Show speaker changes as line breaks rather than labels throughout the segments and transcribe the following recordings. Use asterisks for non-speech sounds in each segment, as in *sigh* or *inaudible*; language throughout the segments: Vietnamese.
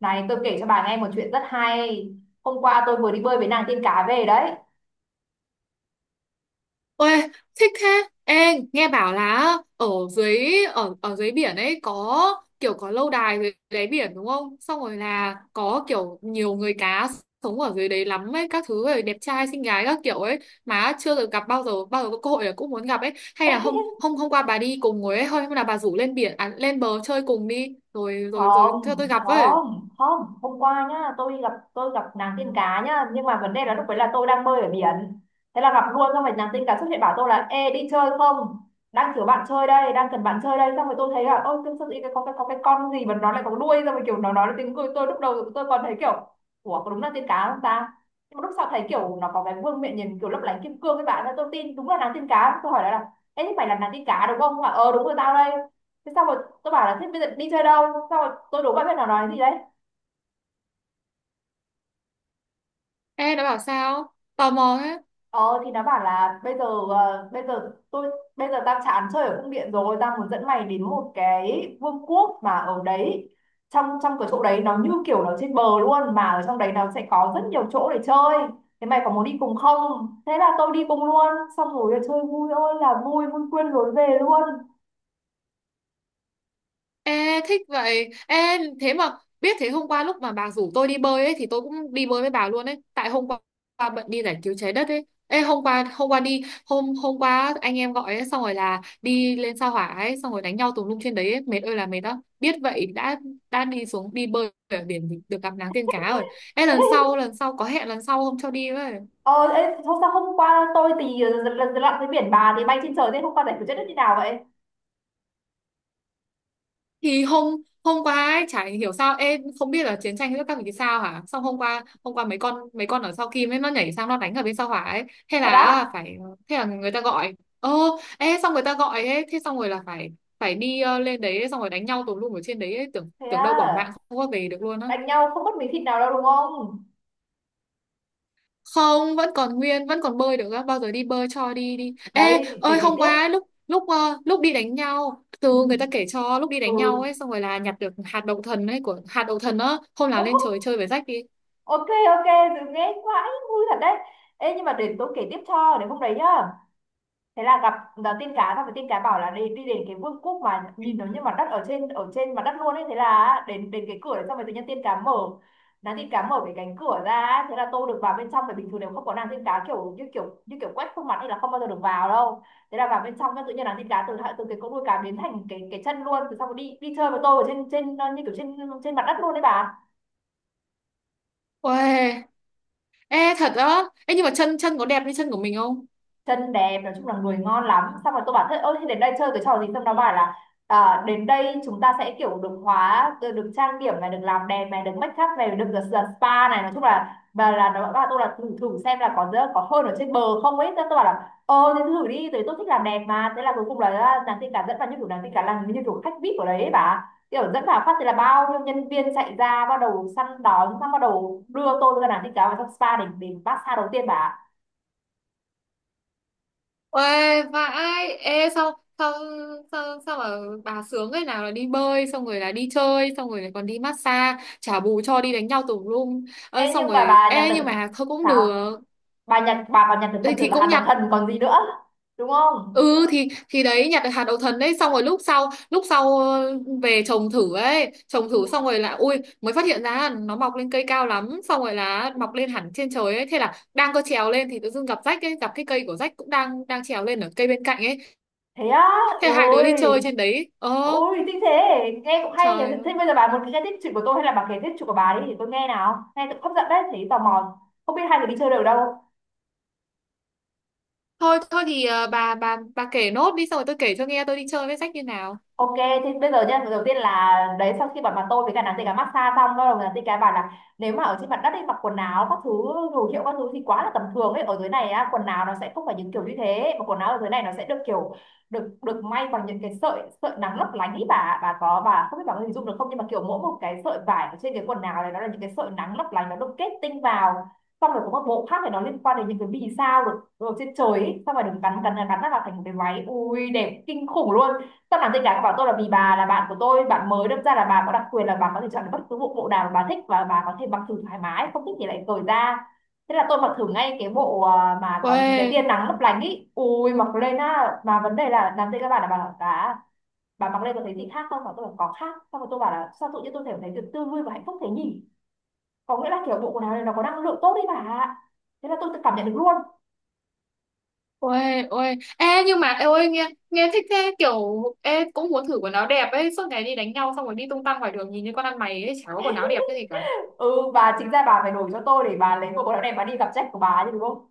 Này tôi kể cho bà nghe một chuyện rất hay. Hôm qua tôi vừa đi bơi với nàng tiên cá về đấy.
Ôi, thích thế. Ê, nghe bảo là ở dưới biển ấy có lâu đài dưới đáy biển đúng không? Xong rồi là có kiểu nhiều người cá sống ở dưới đấy lắm ấy, các thứ rồi đẹp trai xinh gái các kiểu ấy mà chưa được gặp bao giờ có cơ hội là cũng muốn gặp ấy. Hay là hôm
*laughs*
hôm hôm qua bà đi cùng ngồi ấy, thôi hôm là bà rủ lên biển à, lên bờ chơi cùng đi rồi rồi
Không,
rồi cho tôi gặp với.
không, không, hôm qua nhá, tôi gặp nàng tiên cá nhá, nhưng mà vấn đề là lúc đấy là tôi đang bơi ở biển, thế là gặp luôn. Xong rồi nàng tiên cá xuất hiện bảo tôi là ê đi chơi không, đang kiểu bạn chơi đây, đang cần bạn chơi đây. Xong rồi tôi thấy là ôi tương sao, cái có cái có cái con gì mà nó lại có đuôi, xong rồi kiểu nó nói là tiếng cười, tôi lúc đầu tôi còn thấy kiểu ủa có đúng là tiên cá không ta. Nhưng mà lúc sau thấy kiểu nó có cái vương miện nhìn kiểu lấp lánh kim cương các bạn, nên tôi tin đúng là nàng tiên cá. Tôi hỏi lại là ê thế phải là nàng tiên cá đúng không, nó đúng rồi tao đây. Thế xong rồi tôi bảo là thế bây giờ đi chơi đâu, xong rồi tôi đố bạn biết nó nói gì đấy.
Ê, nó bảo sao? Tò mò thế.
Ờ thì nó bảo là bây giờ, bây giờ tôi bây giờ tao chán chơi ở cung điện rồi, tao muốn dẫn mày đến một cái vương quốc mà ở đấy, trong trong cái chỗ đấy nó như kiểu nó trên bờ luôn, mà ở trong đấy nó sẽ có rất nhiều chỗ để chơi, thế mày có muốn đi cùng không. Thế là tôi đi cùng luôn, xong rồi chơi vui ơi là vui, vui quên lối về luôn.
Ê, thích vậy. Ê, thế mà biết thế hôm qua lúc mà bà rủ tôi đi bơi ấy thì tôi cũng đi bơi với bà luôn ấy. Tại hôm qua bận đi giải cứu trái đất ấy. Ê, hôm qua anh em gọi ấy xong rồi là đi lên sao hỏa ấy xong rồi đánh nhau tùm lum trên đấy ấy. Mệt ơi là mệt đó. Biết vậy đã đi bơi ở biển thì được gặp nắng tiên cá rồi. Ê lần
*laughs*
sau lần sau có hẹn lần sau không cho đi với.
Ờ Ê, thôi sao hôm qua tôi thì lần lần lặn dưới biển, bà thì bay trên trời, thế hôm qua giải quyết chết như thế nào vậy?
Thì hôm hôm qua ấy, chả hiểu sao em không biết là chiến tranh giữa các vị sao hả. Xong hôm qua mấy con ở sau Kim ấy nó nhảy sang nó đánh ở bên sau hỏa ấy. thế
Thật á?
là phải Thế là người ta gọi ơ ê, xong người ta gọi ấy thế xong rồi là phải phải đi lên đấy xong rồi đánh nhau tùm lum ở trên đấy ấy. Tưởng
Thế
tưởng đâu bỏ mạng
à?
không có về được luôn á.
Đánh nhau không mất miếng thịt nào đâu đúng không?
Không, vẫn còn nguyên, vẫn còn bơi được á, bao giờ đi bơi cho đi đi. Ê
Đấy để
ơi,
kể
hôm
tiếp.
qua ấy, lúc lúc ờ, lúc đi đánh nhau
Ừ,
từ người ta kể cho lúc đi
ừ.
đánh nhau ấy xong rồi là nhặt được hạt đậu thần á, hôm
Ô,
nào lên trời chơi với rách đi.
ok ok, dừng nghe quá, vui thật đấy. Ê nhưng mà để tôi kể tiếp cho, để hôm đấy nhá, thế là gặp là tiên cá, gặp với tiên cá bảo là đi đi đến cái vương quốc mà nhìn nó như mặt đất, ở trên mặt đất luôn ấy. Thế là đến đến cái cửa đấy, xong rồi tự nhiên tiên cá mở nàng tiên cá mở cái cánh cửa ra ấy. Thế là tôi được vào bên trong, bởi bình thường nếu không có nàng tiên cá kiểu như kiểu quét khuôn mặt thì là không bao giờ được vào đâu. Thế là vào bên trong cái tự nhiên nàng tiên cá từ từ cái cỗ đuôi cá biến thành cái chân luôn. Từ xong rồi đi đi chơi với tôi ở trên trên như kiểu trên trên mặt đất luôn đấy bà.
Uầy. Ê thật á, ê nhưng mà chân chân có đẹp như chân của mình không?
Chân đẹp, nói chung là người ngon lắm. Xong rồi tôi bảo thế ôi thế đến đây chơi cái trò gì, xong nó bảo là đến đây chúng ta sẽ kiểu được trang điểm này, được làm đẹp này, được make up này, được được, được spa này, nói chung là. Và là nó bảo tôi là thử thử xem là có hơn ở trên bờ không ấy. Thế tôi bảo là ờ thế thử đi, tại tôi thích làm đẹp mà. Thế là cuối cùng là nàng tin cả dẫn vào như kiểu nàng tin cả là như kiểu khách VIP ở đấy ấy bà, kiểu dẫn vào phát thì là bao nhiêu nhân viên chạy ra bắt đầu săn đón, xong bắt đầu đưa tôi ra nàng tin cả vào trong spa để massage đầu tiên bà.
Uầy vãi. Ê sao sao sao sao mà bà sướng ấy, nào là đi bơi xong rồi là đi chơi xong rồi lại còn đi massage trả bù cho đi đánh nhau tùm lum ơi,
Ê,
xong
nhưng mà
rồi
bà nhặt
ê
được
nhưng mà thôi cũng
sao?
được.
Bà nhặt, bà còn nhặt được phần
Đây
thưởng
thì
là hạt
cũng
đậu
nhặt,
thần còn gì nữa? Đúng không?
ừ thì đấy nhặt được hạt đậu thần đấy xong rồi lúc sau về trồng
Ừ.
thử xong rồi là ui mới phát hiện ra là nó mọc lên cây cao lắm xong rồi là mọc lên hẳn trên trời ấy, thế là đang có trèo lên thì tự dưng gặp rách ấy, gặp cái cây của rách cũng đang đang trèo lên ở cây bên cạnh ấy.
Thế á?
Thế hai đứa đi chơi
Ôi,
trên đấy ơ.
ôi thích thế. Nghe cũng hay nhỉ.
Trời
Thế
ơi.
bây giờ bà muốn nghe tiếp chuyện của tôi hay là bà kể tiếp chuyện của bà đi để tôi nghe nào. Nghe cũng hấp dẫn đấy, thấy tò mò. Không biết hai người đi chơi được đâu.
Thôi thôi thì bà kể nốt đi xong rồi tôi kể cho nghe tôi đi chơi với rách như nào.
Ok, thế bây giờ nhá, đầu tiên là đấy sau khi bọn bà tôi với cả nàng tây cá massage xong, bắt đầu nàng tây cá bảo là nếu mà ở trên mặt đất ấy mặc quần áo các thứ đồ hiệu các thứ thì quá là tầm thường ấy. Ở dưới này á, quần áo nó sẽ không phải những kiểu như thế, mà quần áo ở dưới này nó sẽ được kiểu được được may bằng những cái sợi sợi nắng lấp lánh ấy bà. Bà có Bà không biết bà có hình dung được không, nhưng mà kiểu mỗi một cái sợi vải ở trên cái quần áo này nó là những cái sợi nắng lấp lánh, nó được kết tinh vào. Xong rồi có một bộ khác thì nó liên quan đến những cái vì sao được trên trời ấy. Xong rồi được gắn gắn gắn nó vào thành một cái váy ui đẹp kinh khủng luôn. Không làm gì cả, bảo tôi là vì bà là bạn của tôi, bạn mới đâm ra là bà có đặc quyền, là bà có thể chọn được bất cứ bộ bộ nào mà bà thích, và bà có thể mặc thử thoải mái, không thích thì lại cởi ra. Thế là tôi mặc thử ngay cái bộ mà có những cái
Uầy.
tia nắng lấp lánh ý. Ui mặc lên á, mà vấn đề là làm gì các bạn, là bà bảo bà mặc lên có thấy gì khác không, và tôi bảo có khác. Xong rồi tôi bảo là sao tự nhiên tôi thể thấy được tươi vui và hạnh phúc thế nhỉ, có nghĩa là kiểu bộ quần áo này nó có năng lượng tốt đấy bà ạ. Thế là tôi tự cảm nhận được luôn.
Ôi, ôi, ê nhưng mà ê, ôi nghe nghe thích thế, kiểu ê cũng muốn thử quần áo đẹp ấy, suốt ngày đi đánh nhau xong rồi đi tung tăng ngoài đường nhìn như con ăn mày ấy, chả có quần áo đẹp cái gì cả.
*laughs* Ừ bà, chính ra bà phải đổi cho tôi, để bà lấy bộ quần áo này bà đi gặp sếp của bà chứ đúng không.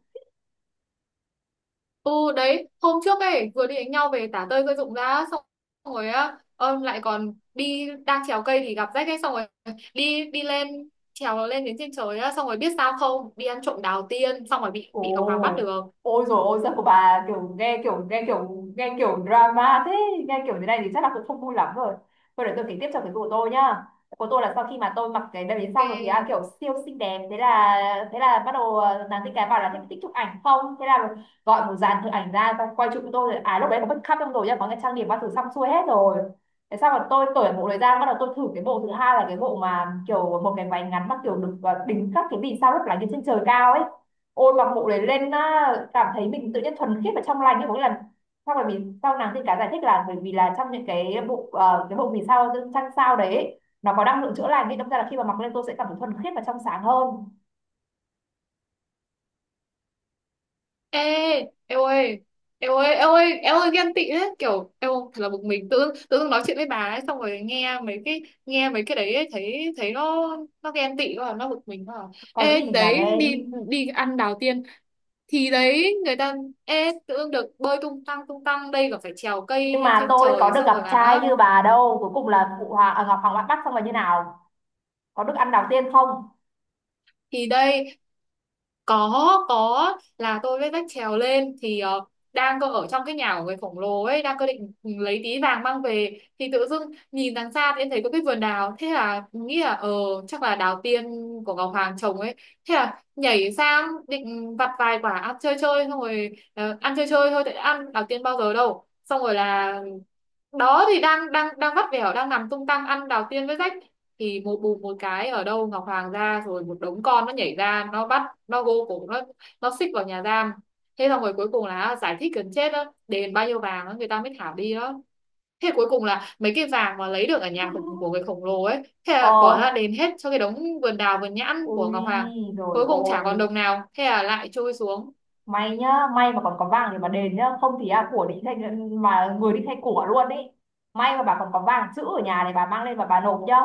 Ừ đấy, hôm trước ấy vừa đi đánh nhau về tả tơi rơi rụng ra xong rồi á, lại còn đi đang trèo cây thì gặp rách ấy xong rồi đi đi lên trèo lên đến trên trời á xong rồi biết sao không, đi ăn trộm đào tiên xong rồi bị
Ồ,
bị Ngọc Hoàng bắt được.
ôi rồi ôi sao của bà kiểu nghe kiểu drama thế, nghe kiểu thế này thì chắc là cũng không vui lắm rồi. Thôi để tôi kể tiếp cho cái của tôi nhá. Của tôi là sau khi mà tôi mặc cái đầm đến xong rồi thì
Ok.
kiểu siêu xinh đẹp. Thế là bắt đầu nàng tin cái bảo là thích thích chụp ảnh không, thế là gọi một dàn thợ ảnh ra và quay chụp cho tôi. À lúc đấy có make up trong rồi nhá, có cái trang điểm bao thứ xong xuôi hết rồi. Thế xong rồi tôi cởi bộ đấy ra, bắt đầu tôi thử cái bộ thứ hai là cái bộ mà kiểu một cái váy ngắn mà kiểu được đính các cái vì sao lấp lánh ở trên trời cao ấy. Ôi mặc bộ đấy lên á, cảm thấy mình tự nhiên thuần khiết và trong lành như có nghĩa là sau này mình, sau nàng tiên cá giải thích là bởi vì là trong những cái bộ cái bộ vì sao trăng sao đấy ấy, nó có năng lượng chữa lành, nên đâm ra là khi mà mặc lên tôi sẽ cảm thấy thuần khiết và trong sáng hơn.
Ê, em ơi, em ơi, em ơi, em ơi ghen tị đấy, kiểu em ơi, thật là bực mình, tự dưng nói chuyện với bà ấy, xong rồi nghe mấy cái đấy ấy, thấy thấy nó ghen tị quá, nó bực mình quá. À.
Có
Ê,
gì mà
đấy
ghen.
đi, đi ăn đào tiên thì đấy người ta, ê tự dưng được bơi tung tăng tung tăng, đây còn phải trèo cây
Nhưng
lên
mà
trên
tôi có
trời
được
xong
gặp
rồi
trai
là
như bà đâu, cuối cùng là phụ hoàng Ngọc Hoàng Ngoại Bắc xong là như nào, có được ăn đào tiên không?
thì đây có là tôi với vách trèo lên thì đang cơ ở trong cái nhà của người khổng lồ ấy, đang cơ định lấy tí vàng mang về thì tự dưng nhìn đằng xa thì em thấy có cái vườn đào, thế là nghĩ là chắc là đào tiên của Ngọc Hoàng trồng ấy, thế là nhảy sang định vặt vài quả ăn chơi chơi xong rồi ăn chơi chơi thôi tại đã ăn đào tiên bao giờ đâu, xong rồi là đó thì đang đang đang vắt vẻo đang nằm tung tăng ăn đào tiên với rách thì một bùm một cái ở đâu Ngọc Hoàng ra rồi một đống con nó nhảy ra, nó bắt, nó gô cổ, nó xích vào nhà giam. Thế xong rồi cuối cùng là giải thích gần chết đó, đền bao nhiêu vàng đó người ta mới thả đi đó. Thế cuối cùng là mấy cái vàng mà lấy được ở của
*laughs*
người khổng lồ ấy thế
Ờ,
là bỏ ra đền hết cho cái đống vườn đào vườn nhãn của Ngọc
ui
Hoàng.
rồi
Cuối cùng chả
ôi,
còn đồng nào, thế là lại trôi xuống.
may nhá, may mà còn có vàng thì mà đền nhá, không thì của đi thành mà người đi thay của luôn ấy. May mà bà còn có vàng chữ ở nhà, này bà mang lên và bà nộp nhá.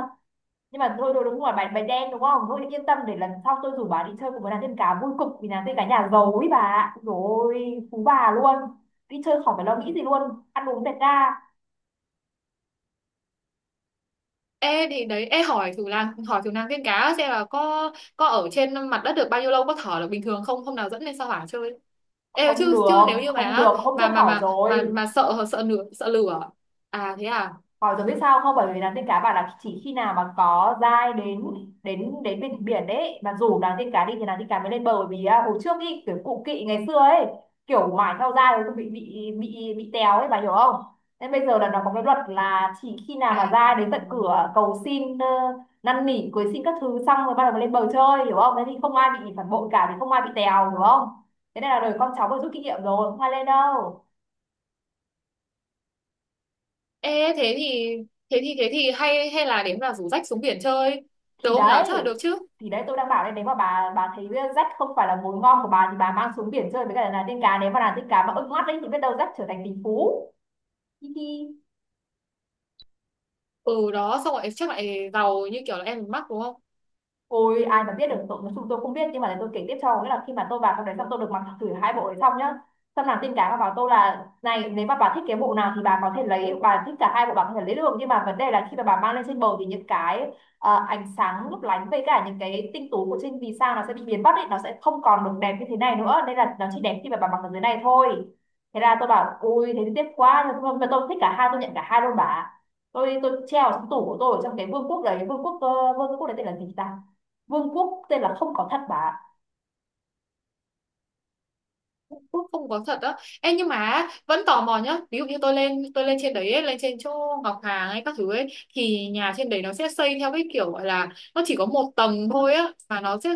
Nhưng mà thôi thôi đúng rồi, bài bài đen đúng không, thôi yên tâm, để lần sau tôi rủ bà đi chơi cùng với nàng tiên cá vui cực, vì nàng tiên cá nhà giàu ấy bà ạ, rồi phú bà luôn. Đi chơi khỏi phải lo nghĩ gì luôn, ăn uống tẹt ga.
Ê thì đấy, ê hỏi thử nàng tiên cá xem là có ở trên mặt đất được bao nhiêu lâu, có thở được bình thường không, hôm nào dẫn lên sao hỏa chơi. Ê chứ chứ nếu như
Không
mà
được, hôm
mà
trước
mà
hỏi
mà mà
rồi.
mà sợ sợ lửa sợ lửa. À thế à.
Hỏi rồi biết sao không? Bởi vì nàng tiên cá bảo là chỉ khi nào mà có dai đến đến đến bên biển đấy mà rủ nàng tiên cá đi thì nàng tiên cá mới lên bờ, bởi vì hồi trước ý, kiểu cụ kỵ ngày xưa ấy kiểu mãi theo dai rồi bị téo ấy bà hiểu không? Nên bây giờ là nó có cái luật là chỉ khi nào mà
À
dai đến tận cửa cầu xin năn nỉ cưới xin các thứ xong rồi bắt đầu mới lên bờ chơi, hiểu không? Thế thì không ai bị phản bội cả, thì không ai bị téo, hiểu không? Thế nên là đời con cháu vừa rút kinh nghiệm rồi không ai lên đâu.
ê thế thì hay hay là đến là rủ rách xuống biển chơi được
thì
không nhở,
đấy
chắc là được chứ.
thì đấy, tôi đang bảo đây, nếu mà bà thấy rách không phải là mồi ngon của bà thì bà mang xuống biển chơi với cả là tiên cá. Nếu mà là tiên cá mà ưng mắt đấy thì biết đâu rách trở thành tỷ phú, hi hi.
Ừ đó xong rồi chắc lại giàu như kiểu là em mắc đúng không.
Ôi ai mà biết được, tụi chúng tôi không biết, nhưng mà để tôi kể tiếp cho. Nghĩa là khi mà tôi vào trong đấy xong tôi được mặc thử hai bộ đấy xong nhá. Xong nàng tin cá bà bảo tôi là này, nếu mà bà thích cái bộ nào thì bà có thể lấy, bà thích cả hai bộ bà có thể lấy được, nhưng mà vấn đề là khi mà bà mang lên trên bờ thì những cái ánh sáng lấp lánh với cả những cái tinh tú của trên vì sao nó sẽ bị biến mất ấy, nó sẽ không còn được đẹp như thế này nữa, nên là nó chỉ đẹp khi mà bà mặc ở dưới này thôi. Thế là tôi bảo ui thế thì tiếc quá, nhưng mà tôi thích cả hai, tôi nhận cả hai luôn bà. Tôi treo ở trong tủ của tôi ở trong cái vương quốc đấy, vương quốc vương quốc đấy tên là gì ta. Vương quốc tên là không có thật bà
Cũng không có thật á. Ê nhưng mà vẫn tò mò nhá. Ví dụ như tôi lên trên đấy ấy, lên trên chỗ Ngọc Hàng hay các thứ ấy, thì nhà trên đấy nó sẽ xây theo cái kiểu gọi là nó chỉ có một tầng thôi á, mà nó sẽ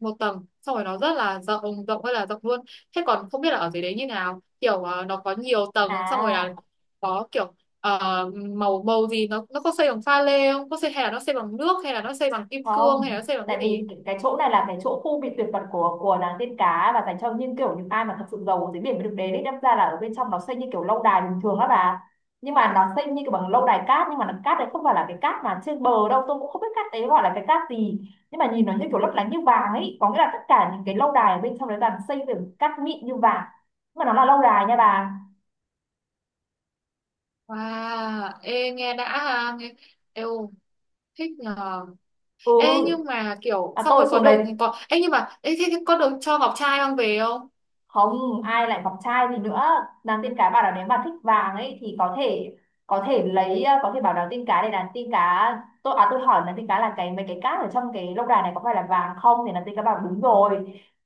một tầng, xong rồi nó rất là rộng, rộng hay là rộng luôn. Thế còn không biết là ở dưới đấy như nào, kiểu nó có nhiều tầng, xong rồi là
à.
có kiểu ờ, màu màu gì, nó có xây bằng pha lê không, có xây hay là nó xây bằng nước, hay là nó xây bằng kim cương, hay là
Không,
nó xây bằng cái
tại
gì ấy?
vì cái chỗ này là cái chỗ khu bị tuyệt mật của nàng tiên cá và dành cho những kiểu những ai mà thật sự giàu dưới biển mới được đến đấy, đâm ra là ở bên trong nó xây như kiểu lâu đài bình thường á bà. Nhưng mà nó xây như kiểu bằng lâu đài cát, nhưng mà nó cát đấy không phải là cái cát mà trên bờ đâu, tôi cũng không biết cát đấy gọi là cái cát gì, nhưng mà nhìn nó như kiểu lấp lánh như vàng ấy. Có nghĩa là tất cả những cái lâu đài ở bên trong đấy là xây từ cát mịn như vàng, nhưng mà nó là lâu đài nha bà.
Wow, ê nghe đã ha, nghe, eo thích nhờ. Ê
Ừ,
nhưng mà kiểu
mà
xong rồi
tôi
có
xuống đấy
được có ê nhưng mà ê, thế có được cho ngọc trai mang về không?
không ai lại ngọc trai gì nữa. Nàng tiên cá bảo là nếu mà thích vàng ấy thì có thể lấy, có thể bảo nàng tiên cá để nàng tiên cá. Tôi à, tôi hỏi nàng tiên cá là cái mấy cái cát ở trong cái lâu đài này có phải là vàng không, thì nàng tiên cá bảo đúng rồi.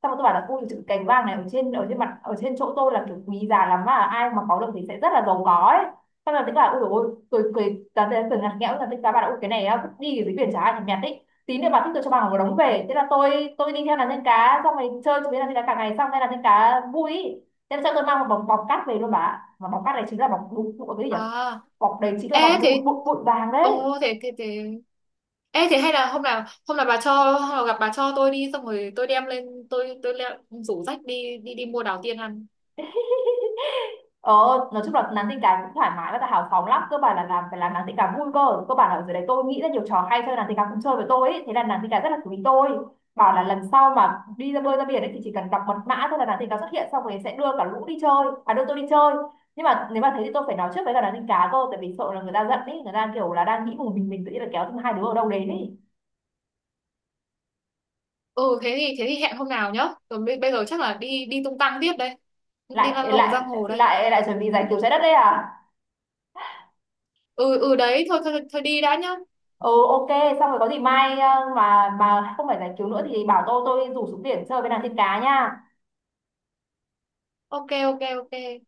Xong rồi tôi bảo là ui chữ cành vàng này ở trên mặt ở trên chỗ tôi là kiểu quý giá lắm, mà ai mà có được thì sẽ rất là giàu có ấy. Xong rồi nàng tiên cá bảo ui dồi ôi, tôi cười, nàng tiên cá cười ngặt nghẽo, nàng tiên cá bảo là ui cái này á vứt đi, cái dưới biển chả ai thèm nhặt ý, tí nữa bà thích tôi cho bà một đống về. Thế là tôi đi theo nàng tiên cá xong rồi chơi với nàng tiên cá cả ngày xong nên nàng tiên cá vui ý. Thế là cho tôi mang một bọc bọc cát về luôn bà ạ. Mà bọc cát này chính là bọc bụi, bụi cái gì nhỉ.
À
Bọc đấy chính là
ê
bọc
thế,
bụi, bụi vàng
ồ
đấy.
thế thế thế ê thế hay là hôm nào gặp bà cho tôi đi xong rồi tôi đem lên rủ rách đi đi đi mua đào tiên ăn.
Ờ, nói chung là nàng tình cảm cũng thoải mái và hào phóng lắm, cơ bản là phải làm nàng tình cảm vui. Cơ cơ bản là ở dưới đấy tôi nghĩ ra nhiều trò hay chơi, nàng tình cảm cũng chơi với tôi ấy, thế là nàng tình cảm rất là quý tôi, bảo là lần sau mà đi ra bơi ra biển ấy thì chỉ cần đọc mật mã thôi là nàng tình cảm xuất hiện xong rồi sẽ đưa cả lũ đi chơi, à đưa tôi đi chơi. Nhưng mà nếu mà thế thì tôi phải nói trước với cả nàng tình cá cơ, tại vì sợ là người ta giận ấy, người ta kiểu là đang nghĩ một mình tự nhiên là kéo thêm hai đứa ở đâu đến ấy.
Ừ thế thì hẹn hôm nào nhá. Rồi bây giờ chắc là đi đi tung tăng tiếp đây. Đi lăn
lại
lộn
lại
giang hồ đây.
lại lại chuẩn bị giải cứu trái đất đây à?
Ừ ừ đấy, thôi thôi thôi đi đã nhá.
Ừ, ok. Xong rồi có gì mai mà không phải giải cứu nữa thì bảo tôi rủ xuống biển chơi với nàng tiên cá nha.
Ok ok ok.